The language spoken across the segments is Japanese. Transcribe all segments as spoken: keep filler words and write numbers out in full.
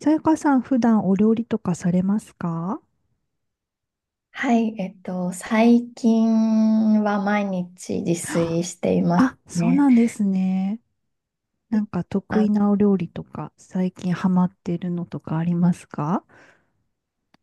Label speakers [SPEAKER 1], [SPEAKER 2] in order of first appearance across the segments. [SPEAKER 1] さやかさん、普段お料理とかされますか？
[SPEAKER 2] はい、えっと、最近は毎日自炊しています
[SPEAKER 1] あ、そう
[SPEAKER 2] ね。
[SPEAKER 1] なんですね。なんか得
[SPEAKER 2] あ、
[SPEAKER 1] 意なお料理とか、最近ハマってるのとかありますか？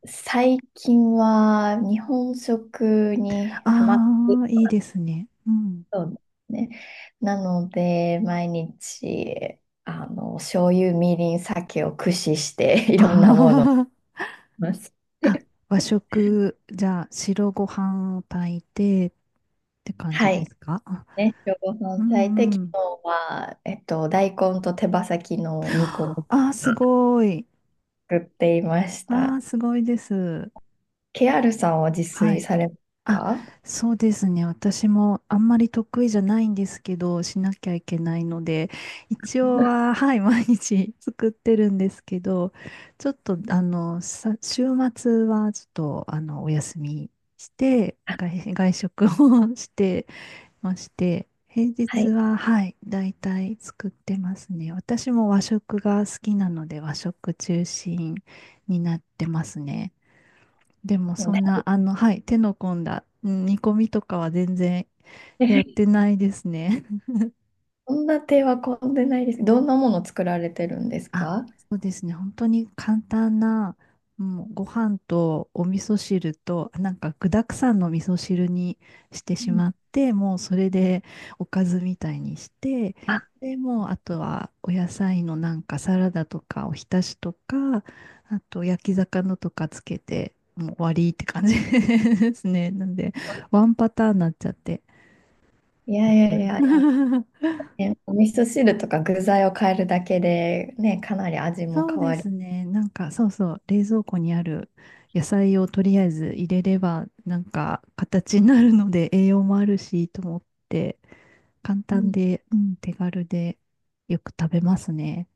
[SPEAKER 2] 最近は日本食にハマって、
[SPEAKER 1] ああー、いいですね。うん。
[SPEAKER 2] そうですね。なので、毎日、あの、醤油、みりん、酒を駆使して い
[SPEAKER 1] あ
[SPEAKER 2] ろんなものを作
[SPEAKER 1] ー
[SPEAKER 2] ります。
[SPEAKER 1] あ、和 食、じゃあ、白ご飯を炊いてって感
[SPEAKER 2] は
[SPEAKER 1] じで
[SPEAKER 2] い。
[SPEAKER 1] すかあ？
[SPEAKER 2] ね、今日ご
[SPEAKER 1] う
[SPEAKER 2] 飯炊いて、
[SPEAKER 1] んう
[SPEAKER 2] 昨
[SPEAKER 1] ん。
[SPEAKER 2] 日は、えっと、大根と手羽先の煮込みを
[SPEAKER 1] ああ、すごい。
[SPEAKER 2] 作っていまし
[SPEAKER 1] ああ、
[SPEAKER 2] た。
[SPEAKER 1] すごいです。
[SPEAKER 2] ケアルさんは自
[SPEAKER 1] は
[SPEAKER 2] 炊
[SPEAKER 1] い。
[SPEAKER 2] されます
[SPEAKER 1] あ、
[SPEAKER 2] か？
[SPEAKER 1] そうですね。私もあんまり得意じゃないんですけど、しなきゃいけないので、一応は、はい、毎日 作ってるんですけど、ちょっと、あの、さ、週末はちょっと、あの、お休みして、
[SPEAKER 2] あ、
[SPEAKER 1] 外、外食を してまして、平
[SPEAKER 2] は
[SPEAKER 1] 日
[SPEAKER 2] い。
[SPEAKER 1] は、はい、だいたい作ってますね。私も和食が好きなので、和食中心になってますね。でも
[SPEAKER 2] もう
[SPEAKER 1] そんな、あの、はい、手の込んだ、うん煮込みとかは全然
[SPEAKER 2] ね。
[SPEAKER 1] やっ てないですね。
[SPEAKER 2] そんな手は込んでないです。どんなもの作られてるんです
[SPEAKER 1] あ、
[SPEAKER 2] か？
[SPEAKER 1] そうですね。本当に簡単な、もうご飯とお味噌汁と、なんか具沢山の味噌汁にして
[SPEAKER 2] う
[SPEAKER 1] し
[SPEAKER 2] ん。
[SPEAKER 1] まって、もうそれでおかずみたいにして、
[SPEAKER 2] あ、
[SPEAKER 1] で、もうあとはお野菜のなんかサラダとかおひたしとか、あと焼き魚とかつけて、もう終わりって感じ ですね。なんで、ワンパターンになっちゃって。
[SPEAKER 2] いやいやいやい
[SPEAKER 1] うん
[SPEAKER 2] や、ね、お味噌汁とか具材を変えるだけで、ね、かなり味 も
[SPEAKER 1] そう
[SPEAKER 2] 変
[SPEAKER 1] で
[SPEAKER 2] わり、
[SPEAKER 1] すね。なんか、そうそう、冷蔵庫にある野菜をとりあえず入れれば、なんか、形になるので栄養もあるし、と思って、簡
[SPEAKER 2] う
[SPEAKER 1] 単
[SPEAKER 2] ん、
[SPEAKER 1] で、うん、手軽で、よく食べますね。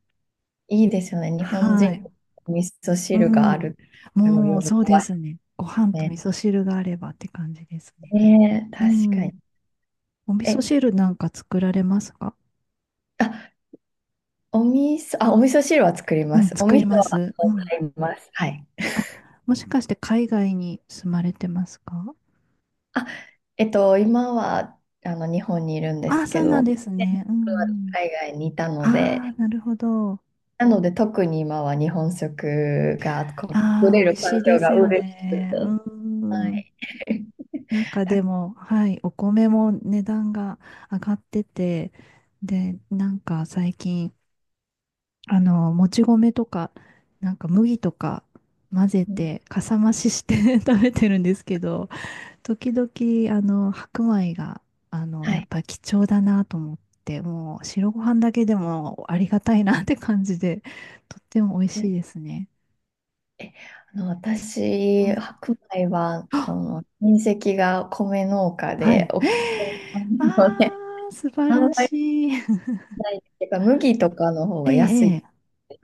[SPEAKER 2] いいですよね。日本
[SPEAKER 1] は
[SPEAKER 2] 人、
[SPEAKER 1] い。
[SPEAKER 2] お味噌
[SPEAKER 1] う
[SPEAKER 2] 汁があ
[SPEAKER 1] ん。
[SPEAKER 2] る。すごい喜
[SPEAKER 1] もう、そうで
[SPEAKER 2] ばし
[SPEAKER 1] すね。ご飯
[SPEAKER 2] い
[SPEAKER 1] と
[SPEAKER 2] ね。
[SPEAKER 1] 味噌汁があればって感じですね。
[SPEAKER 2] ねえ、
[SPEAKER 1] う
[SPEAKER 2] 確かに。
[SPEAKER 1] ん。お味
[SPEAKER 2] え、
[SPEAKER 1] 噌汁なんか作られますか？
[SPEAKER 2] あ、お味噌、あ、お味噌汁は作り
[SPEAKER 1] う
[SPEAKER 2] ま
[SPEAKER 1] ん、
[SPEAKER 2] す。お
[SPEAKER 1] 作
[SPEAKER 2] 味
[SPEAKER 1] り
[SPEAKER 2] 噌
[SPEAKER 1] ま
[SPEAKER 2] は
[SPEAKER 1] す。うん。
[SPEAKER 2] 買います。はい。
[SPEAKER 1] あ、もしかして海外に住まれてますか？
[SPEAKER 2] あ、えっと、今はあの日本にいるんで
[SPEAKER 1] あ、
[SPEAKER 2] す
[SPEAKER 1] そ
[SPEAKER 2] け
[SPEAKER 1] うなん
[SPEAKER 2] ど、
[SPEAKER 1] です
[SPEAKER 2] 前職
[SPEAKER 1] ね。う
[SPEAKER 2] は
[SPEAKER 1] んうん。
[SPEAKER 2] 海外にいたの
[SPEAKER 1] ああ、
[SPEAKER 2] で、
[SPEAKER 1] なるほど。
[SPEAKER 2] なので特に今は日本食がこう
[SPEAKER 1] あ
[SPEAKER 2] 取
[SPEAKER 1] あ、
[SPEAKER 2] れ
[SPEAKER 1] 美
[SPEAKER 2] る
[SPEAKER 1] 味し
[SPEAKER 2] 環
[SPEAKER 1] いで
[SPEAKER 2] 境
[SPEAKER 1] す
[SPEAKER 2] が
[SPEAKER 1] よ
[SPEAKER 2] 嬉しくて。
[SPEAKER 1] ね。う
[SPEAKER 2] は
[SPEAKER 1] ん。
[SPEAKER 2] い。
[SPEAKER 1] なんか
[SPEAKER 2] た、
[SPEAKER 1] でも、はい、お米も値段が上がってて、で、なんか最近、あの、もち米とか、なんか麦とか混ぜて、かさ増しして 食べてるんですけど、時々、あの、白米が、あの、
[SPEAKER 2] は
[SPEAKER 1] やっ
[SPEAKER 2] い。
[SPEAKER 1] ぱり貴重だなと思って、もう白ご飯だけでもありがたいなって感じで、とっても美味しいですね。
[SPEAKER 2] え、あの、
[SPEAKER 1] う
[SPEAKER 2] 私、
[SPEAKER 1] ん。
[SPEAKER 2] 白米は、こ
[SPEAKER 1] あ、
[SPEAKER 2] の親戚が米農家
[SPEAKER 1] は
[SPEAKER 2] で、
[SPEAKER 1] い。え
[SPEAKER 2] お、
[SPEAKER 1] ー
[SPEAKER 2] あんま
[SPEAKER 1] あー、素晴ら
[SPEAKER 2] り
[SPEAKER 1] しい。
[SPEAKER 2] ないんですけど、麦とかの方
[SPEAKER 1] え
[SPEAKER 2] が安い
[SPEAKER 1] え、え
[SPEAKER 2] で
[SPEAKER 1] え。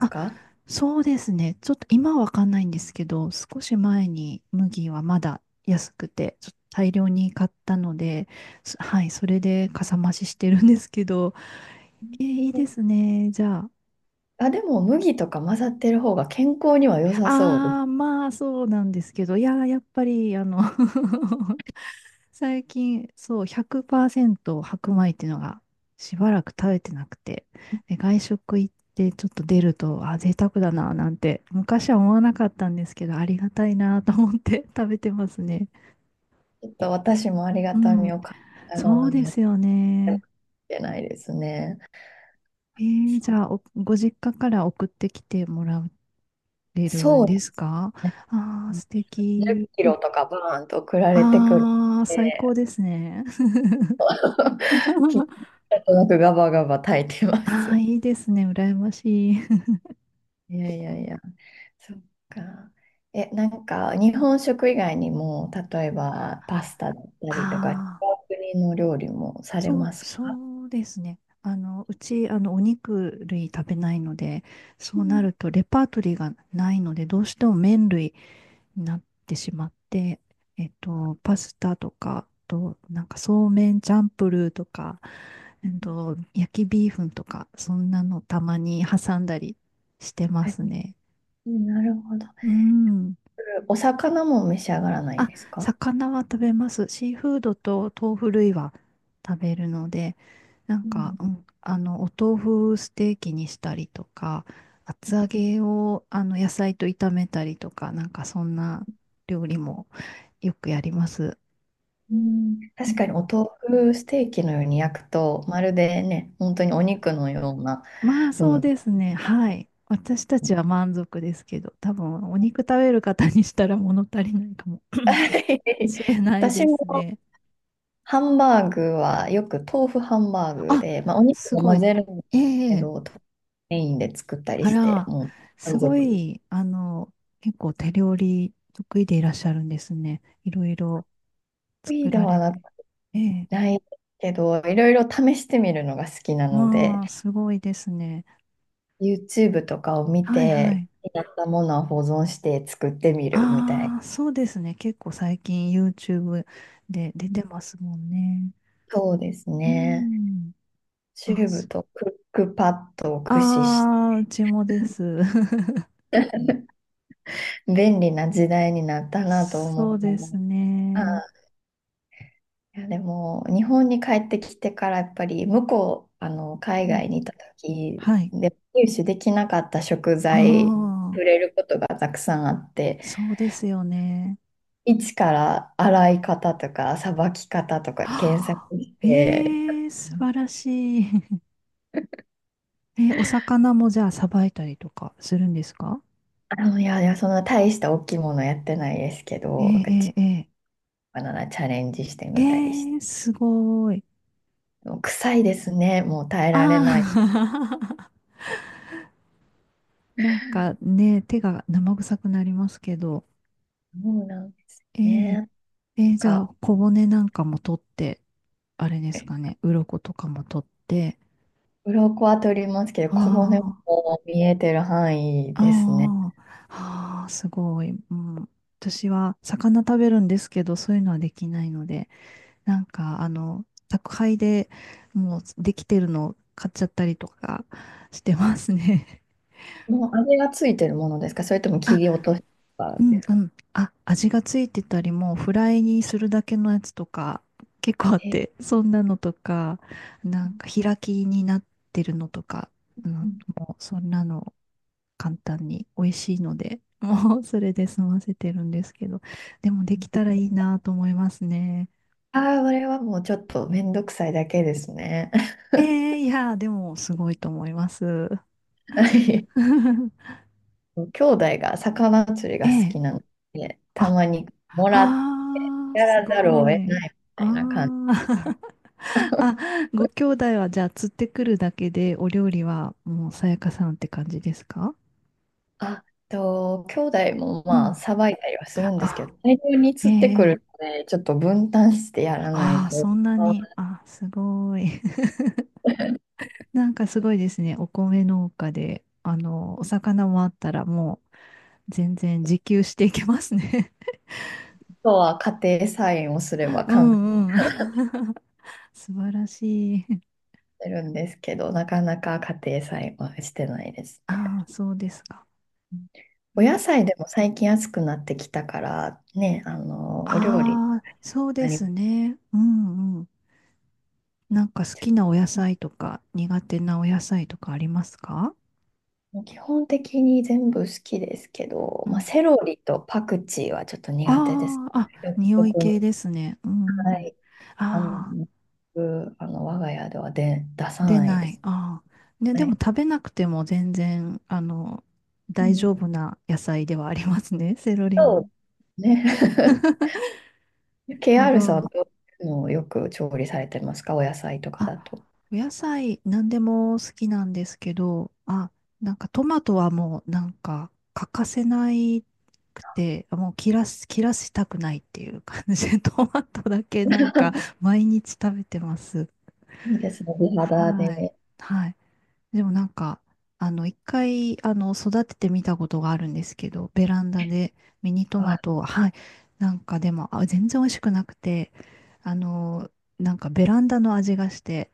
[SPEAKER 2] すか？
[SPEAKER 1] そうですね。ちょっと今はわかんないんですけど、少し前に麦はまだ安くて、ちょっと大量に買ったので、すはい、それでかさ増ししてるんですけど、えーいいですね。じゃあ、
[SPEAKER 2] あ、でも麦とか混ざってる方が健康には良さそうで
[SPEAKER 1] あ
[SPEAKER 2] す。
[SPEAKER 1] あ、まあそうなんですけど、いやー、やっぱり、あの 最近、そう、ひゃくパーセント白米っていうのがしばらく食べてなくて、で、外食行ってちょっと出ると、あ、贅沢だな、なんて、昔は思わなかったんですけど、ありがたいなと思って 食べてますね。
[SPEAKER 2] ちょっと私もありが
[SPEAKER 1] う
[SPEAKER 2] たみ
[SPEAKER 1] ん、
[SPEAKER 2] を感じなが
[SPEAKER 1] そう
[SPEAKER 2] らも
[SPEAKER 1] で
[SPEAKER 2] やっ
[SPEAKER 1] すよ
[SPEAKER 2] てない
[SPEAKER 1] ね。
[SPEAKER 2] けないですね。
[SPEAKER 1] えー、じ
[SPEAKER 2] そう、
[SPEAKER 1] ゃあお、ご実家から送ってきてもらえる
[SPEAKER 2] そ
[SPEAKER 1] ん
[SPEAKER 2] う
[SPEAKER 1] で
[SPEAKER 2] で
[SPEAKER 1] す
[SPEAKER 2] す
[SPEAKER 1] か？
[SPEAKER 2] ね。
[SPEAKER 1] ああー、素
[SPEAKER 2] 10
[SPEAKER 1] 敵。
[SPEAKER 2] キロとかバーンと送られてくるの
[SPEAKER 1] ああ、最
[SPEAKER 2] で、
[SPEAKER 1] 高ですね。
[SPEAKER 2] 気に なとなくガバガバ炊いてま
[SPEAKER 1] ああ、
[SPEAKER 2] す。
[SPEAKER 1] いいですね。羨ましい。
[SPEAKER 2] いやいやいや、そっか。え、なんか日本食以外にも、例えばパスタだったりとか、違う
[SPEAKER 1] ああ、
[SPEAKER 2] 国の料理もされ
[SPEAKER 1] そう、
[SPEAKER 2] ますか？
[SPEAKER 1] そうですね。あの、うち、あの、お肉類食べないので、そ
[SPEAKER 2] う
[SPEAKER 1] うな
[SPEAKER 2] ん。
[SPEAKER 1] ると、レパートリーがないので、どうしても麺類になってしまって、えっと、パスタとか、あと、なんか、そうめんチャンプルーとか、えっと、焼きビーフンとか、そんなのたまに挟んだりしてま
[SPEAKER 2] え、
[SPEAKER 1] すね。
[SPEAKER 2] なるほど。
[SPEAKER 1] うん。
[SPEAKER 2] お魚も召し上がらないん
[SPEAKER 1] あ、
[SPEAKER 2] ですか？
[SPEAKER 1] 魚は食べます。シーフードと豆腐類は食べるので、なん
[SPEAKER 2] う
[SPEAKER 1] か、う
[SPEAKER 2] ん、
[SPEAKER 1] ん、あの、お豆腐ステーキにしたりとか、厚揚げをあの野菜と炒めたりとか、なんかそんな料理もよくやります。
[SPEAKER 2] うん、
[SPEAKER 1] う
[SPEAKER 2] 確
[SPEAKER 1] ん、
[SPEAKER 2] かにお豆腐ステーキのように焼くと、まるでね、本当にお肉のような、
[SPEAKER 1] まあそ
[SPEAKER 2] う
[SPEAKER 1] う
[SPEAKER 2] ん。
[SPEAKER 1] ですね。はい。私たちは 満足ですけど、多分お肉食べる方にしたら物足りないかも
[SPEAKER 2] はい、
[SPEAKER 1] し れない
[SPEAKER 2] 私
[SPEAKER 1] です
[SPEAKER 2] も
[SPEAKER 1] ね。
[SPEAKER 2] ハンバーグはよく豆腐ハンバーグ
[SPEAKER 1] あ、
[SPEAKER 2] で、まあ、お肉
[SPEAKER 1] す
[SPEAKER 2] も
[SPEAKER 1] ご
[SPEAKER 2] 混
[SPEAKER 1] い。
[SPEAKER 2] ぜるんです
[SPEAKER 1] え
[SPEAKER 2] け
[SPEAKER 1] え、
[SPEAKER 2] ど、メインで作ったり
[SPEAKER 1] あ
[SPEAKER 2] して、
[SPEAKER 1] ら、
[SPEAKER 2] もう
[SPEAKER 1] す
[SPEAKER 2] 満足。
[SPEAKER 1] ご
[SPEAKER 2] 得
[SPEAKER 1] い、あの、結構手料理得意でいらっしゃるんですね。いろいろ作
[SPEAKER 2] 意で
[SPEAKER 1] ら
[SPEAKER 2] は
[SPEAKER 1] れ
[SPEAKER 2] な
[SPEAKER 1] て。
[SPEAKER 2] く
[SPEAKER 1] ええ。
[SPEAKER 2] ないけど、いろいろ試してみるのが好きなの
[SPEAKER 1] まあ、
[SPEAKER 2] で、
[SPEAKER 1] すごいですね。
[SPEAKER 2] YouTube とかを見
[SPEAKER 1] はいは
[SPEAKER 2] て、
[SPEAKER 1] い。
[SPEAKER 2] やったものを保存して作ってみるみたい
[SPEAKER 1] ああ、そうですね。結構最近 YouTube で出て
[SPEAKER 2] な。
[SPEAKER 1] ますもんね。
[SPEAKER 2] そうです
[SPEAKER 1] う
[SPEAKER 2] ね。
[SPEAKER 1] ん。
[SPEAKER 2] チ
[SPEAKER 1] あ、
[SPEAKER 2] ューブ
[SPEAKER 1] そ
[SPEAKER 2] とクックパッドを駆使し、
[SPEAKER 1] あー、うちもです。
[SPEAKER 2] 便利な時代になった なと
[SPEAKER 1] そうで
[SPEAKER 2] 思
[SPEAKER 1] す
[SPEAKER 2] う。あ、
[SPEAKER 1] ね。
[SPEAKER 2] いやでも日本に帰ってきてからやっぱり向こう、あの、
[SPEAKER 1] う
[SPEAKER 2] 海
[SPEAKER 1] ん、
[SPEAKER 2] 外にいた時
[SPEAKER 1] はい。
[SPEAKER 2] で入手できなかった食
[SPEAKER 1] あ
[SPEAKER 2] 材
[SPEAKER 1] あ、
[SPEAKER 2] 触れることがたくさんあって、
[SPEAKER 1] そうですよね。
[SPEAKER 2] 一から洗い方とかさばき方と か検索
[SPEAKER 1] はあ、
[SPEAKER 2] して、
[SPEAKER 1] ええ、素晴らしい。え、お魚もじゃあさばいたりとかするんですか？
[SPEAKER 2] あの、いやいや、そんな大した大きいものやってないですけど、なんかち
[SPEAKER 1] え
[SPEAKER 2] っ
[SPEAKER 1] えええ
[SPEAKER 2] ななチャレンジして
[SPEAKER 1] ええ
[SPEAKER 2] みたりして。
[SPEAKER 1] えー、すごい。
[SPEAKER 2] もう臭いですね。もう耐え
[SPEAKER 1] あ
[SPEAKER 2] られない。
[SPEAKER 1] あ なんかね、手が生臭くなりますけど。
[SPEAKER 2] もうなんです
[SPEAKER 1] え
[SPEAKER 2] ね。な
[SPEAKER 1] え
[SPEAKER 2] ん
[SPEAKER 1] ええ、じゃあ
[SPEAKER 2] か、
[SPEAKER 1] 小骨なんかも取って、あれです
[SPEAKER 2] え、
[SPEAKER 1] かね、鱗とかも取って。
[SPEAKER 2] 鱗は取りますけど、小骨
[SPEAKER 1] あ
[SPEAKER 2] も見えてる範囲
[SPEAKER 1] あ、
[SPEAKER 2] ですね。
[SPEAKER 1] ああ、ああ、すごい。うん、私は魚食べるんですけど、そういうのはできないので。なんか、あの、宅配でもうできてるのを買っちゃったりとかしてますね。
[SPEAKER 2] もうあれがついてるものですか、それとも 切
[SPEAKER 1] あ、
[SPEAKER 2] り落とした
[SPEAKER 1] うん
[SPEAKER 2] です
[SPEAKER 1] う
[SPEAKER 2] か？
[SPEAKER 1] ん。あ、味がついてたり、もうフライにするだけのやつとか結構あっ
[SPEAKER 2] え、
[SPEAKER 1] て、そんなのとか、なんか開きになってるのとか、うん、もうそんなの簡単に美味しいので、もうそれで済ませてるんですけど、でもできたらいいなと思いますね。
[SPEAKER 2] ああー、あれはもうちょっとめんどくさいだけですね。
[SPEAKER 1] えー、いやー、でもすごいと思います。
[SPEAKER 2] 兄弟が魚釣り
[SPEAKER 1] え
[SPEAKER 2] が好
[SPEAKER 1] え。
[SPEAKER 2] きなので、た
[SPEAKER 1] あ、
[SPEAKER 2] まにもらっ、
[SPEAKER 1] あー、
[SPEAKER 2] や
[SPEAKER 1] す
[SPEAKER 2] らざるを
[SPEAKER 1] ご
[SPEAKER 2] 得
[SPEAKER 1] い。
[SPEAKER 2] ないみ
[SPEAKER 1] あ
[SPEAKER 2] たいな感じ。
[SPEAKER 1] ー。あ、ご兄弟はじゃあ釣ってくるだけでお料理はもうさやかさんって感じですか？
[SPEAKER 2] あと、兄弟も
[SPEAKER 1] う
[SPEAKER 2] まあ、
[SPEAKER 1] ん。
[SPEAKER 2] さばいたりはするんですけ
[SPEAKER 1] あ、
[SPEAKER 2] ど、大量に
[SPEAKER 1] ええ。
[SPEAKER 2] 釣ってく
[SPEAKER 1] え
[SPEAKER 2] る
[SPEAKER 1] え、
[SPEAKER 2] ので、ちょっと分担してやらない
[SPEAKER 1] ああ、
[SPEAKER 2] と、
[SPEAKER 1] そんな
[SPEAKER 2] あ
[SPEAKER 1] に。あ、すごい。なんかすごいですね。お米農家で、あの、お魚もあったらもう全然自給していけますね。
[SPEAKER 2] とは家庭菜園をすれ ば
[SPEAKER 1] う
[SPEAKER 2] 簡単
[SPEAKER 1] んうん。素晴らしい。
[SPEAKER 2] になるんですけど、なかなか家庭菜園はしてないですね。
[SPEAKER 1] ああ、そうですか。
[SPEAKER 2] お野菜でも最近安くなってきたから、ね、あの、お料理に
[SPEAKER 1] ああ、そうで
[SPEAKER 2] なり、
[SPEAKER 1] すね。うんうん。なんか好きなお野菜とか苦手なお野菜とかありますか？
[SPEAKER 2] 基本的に全部好きですけど、
[SPEAKER 1] う
[SPEAKER 2] まあ、
[SPEAKER 1] ん。
[SPEAKER 2] セロリとパクチーはちょっと苦手です。
[SPEAKER 1] ああ、あ、
[SPEAKER 2] 独
[SPEAKER 1] 匂い系
[SPEAKER 2] 特、
[SPEAKER 1] ですね。うん
[SPEAKER 2] は
[SPEAKER 1] うん。
[SPEAKER 2] い。あの、
[SPEAKER 1] ああ、
[SPEAKER 2] 僕あの我が家ではで出さ
[SPEAKER 1] 出
[SPEAKER 2] ない
[SPEAKER 1] な
[SPEAKER 2] で
[SPEAKER 1] い。
[SPEAKER 2] す。
[SPEAKER 1] ああ。ね、
[SPEAKER 2] は
[SPEAKER 1] でも
[SPEAKER 2] い。
[SPEAKER 1] 食べなくても全然、あの、
[SPEAKER 2] う
[SPEAKER 1] 大
[SPEAKER 2] ん、
[SPEAKER 1] 丈夫な野菜ではありますね。セロリも。
[SPEAKER 2] そうね。
[SPEAKER 1] なる ほ
[SPEAKER 2] ケーアール さんはど
[SPEAKER 1] ど。
[SPEAKER 2] ういうのをよく調理されてますか？お野菜とか
[SPEAKER 1] あ、
[SPEAKER 2] だと。
[SPEAKER 1] お野菜何でも好きなんですけど、あ、なんかトマトはもうなんか欠かせないくて、もう切らす、切らしたくないっていう感じで、トマトだけなんか毎日食べてます。
[SPEAKER 2] いいですね。美肌
[SPEAKER 1] はい。
[SPEAKER 2] で。
[SPEAKER 1] はい。でもなんか、あの、一回、あの、育ててみたことがあるんですけど、ベランダでミニトマ
[SPEAKER 2] あ、
[SPEAKER 1] トを、はい。なんかでも、あ、全然美味しくなくて、あの、なんかベランダの味がして、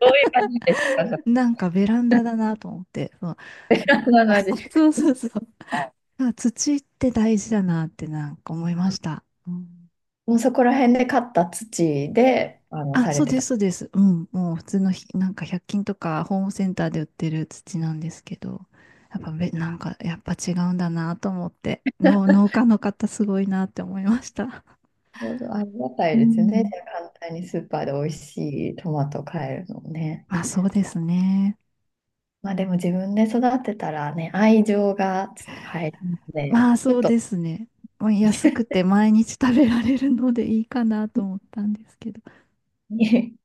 [SPEAKER 2] どういう感じですか？そ
[SPEAKER 1] なんかベランダだなと思って、そう、
[SPEAKER 2] れそんな感 じ。
[SPEAKER 1] そうそうそう。あ、土って大事だなってなんか思いました。うん、
[SPEAKER 2] もうそこら辺で買った土で、あの、
[SPEAKER 1] あ、
[SPEAKER 2] され
[SPEAKER 1] そう
[SPEAKER 2] て
[SPEAKER 1] で
[SPEAKER 2] た。
[SPEAKER 1] す、そうです。うん。もう普通のひ、なんかひゃっきんとかホームセンターで売ってる土なんですけど、やっぱべ、なんかやっぱ違うんだなと思って、農農家の方すごいなって思いました。
[SPEAKER 2] ありがた
[SPEAKER 1] う
[SPEAKER 2] いですね。
[SPEAKER 1] ん。
[SPEAKER 2] 簡単にスーパーで美味しいトマト買えるのもね。
[SPEAKER 1] まあそうですね。
[SPEAKER 2] まあでも自分で育てたらね、愛情がちょっと入るので、
[SPEAKER 1] まあ
[SPEAKER 2] ちょ
[SPEAKER 1] そ
[SPEAKER 2] っ
[SPEAKER 1] う
[SPEAKER 2] と
[SPEAKER 1] ですね。もう安く て毎日食べられるのでいいかなと思ったんですけど。
[SPEAKER 2] に、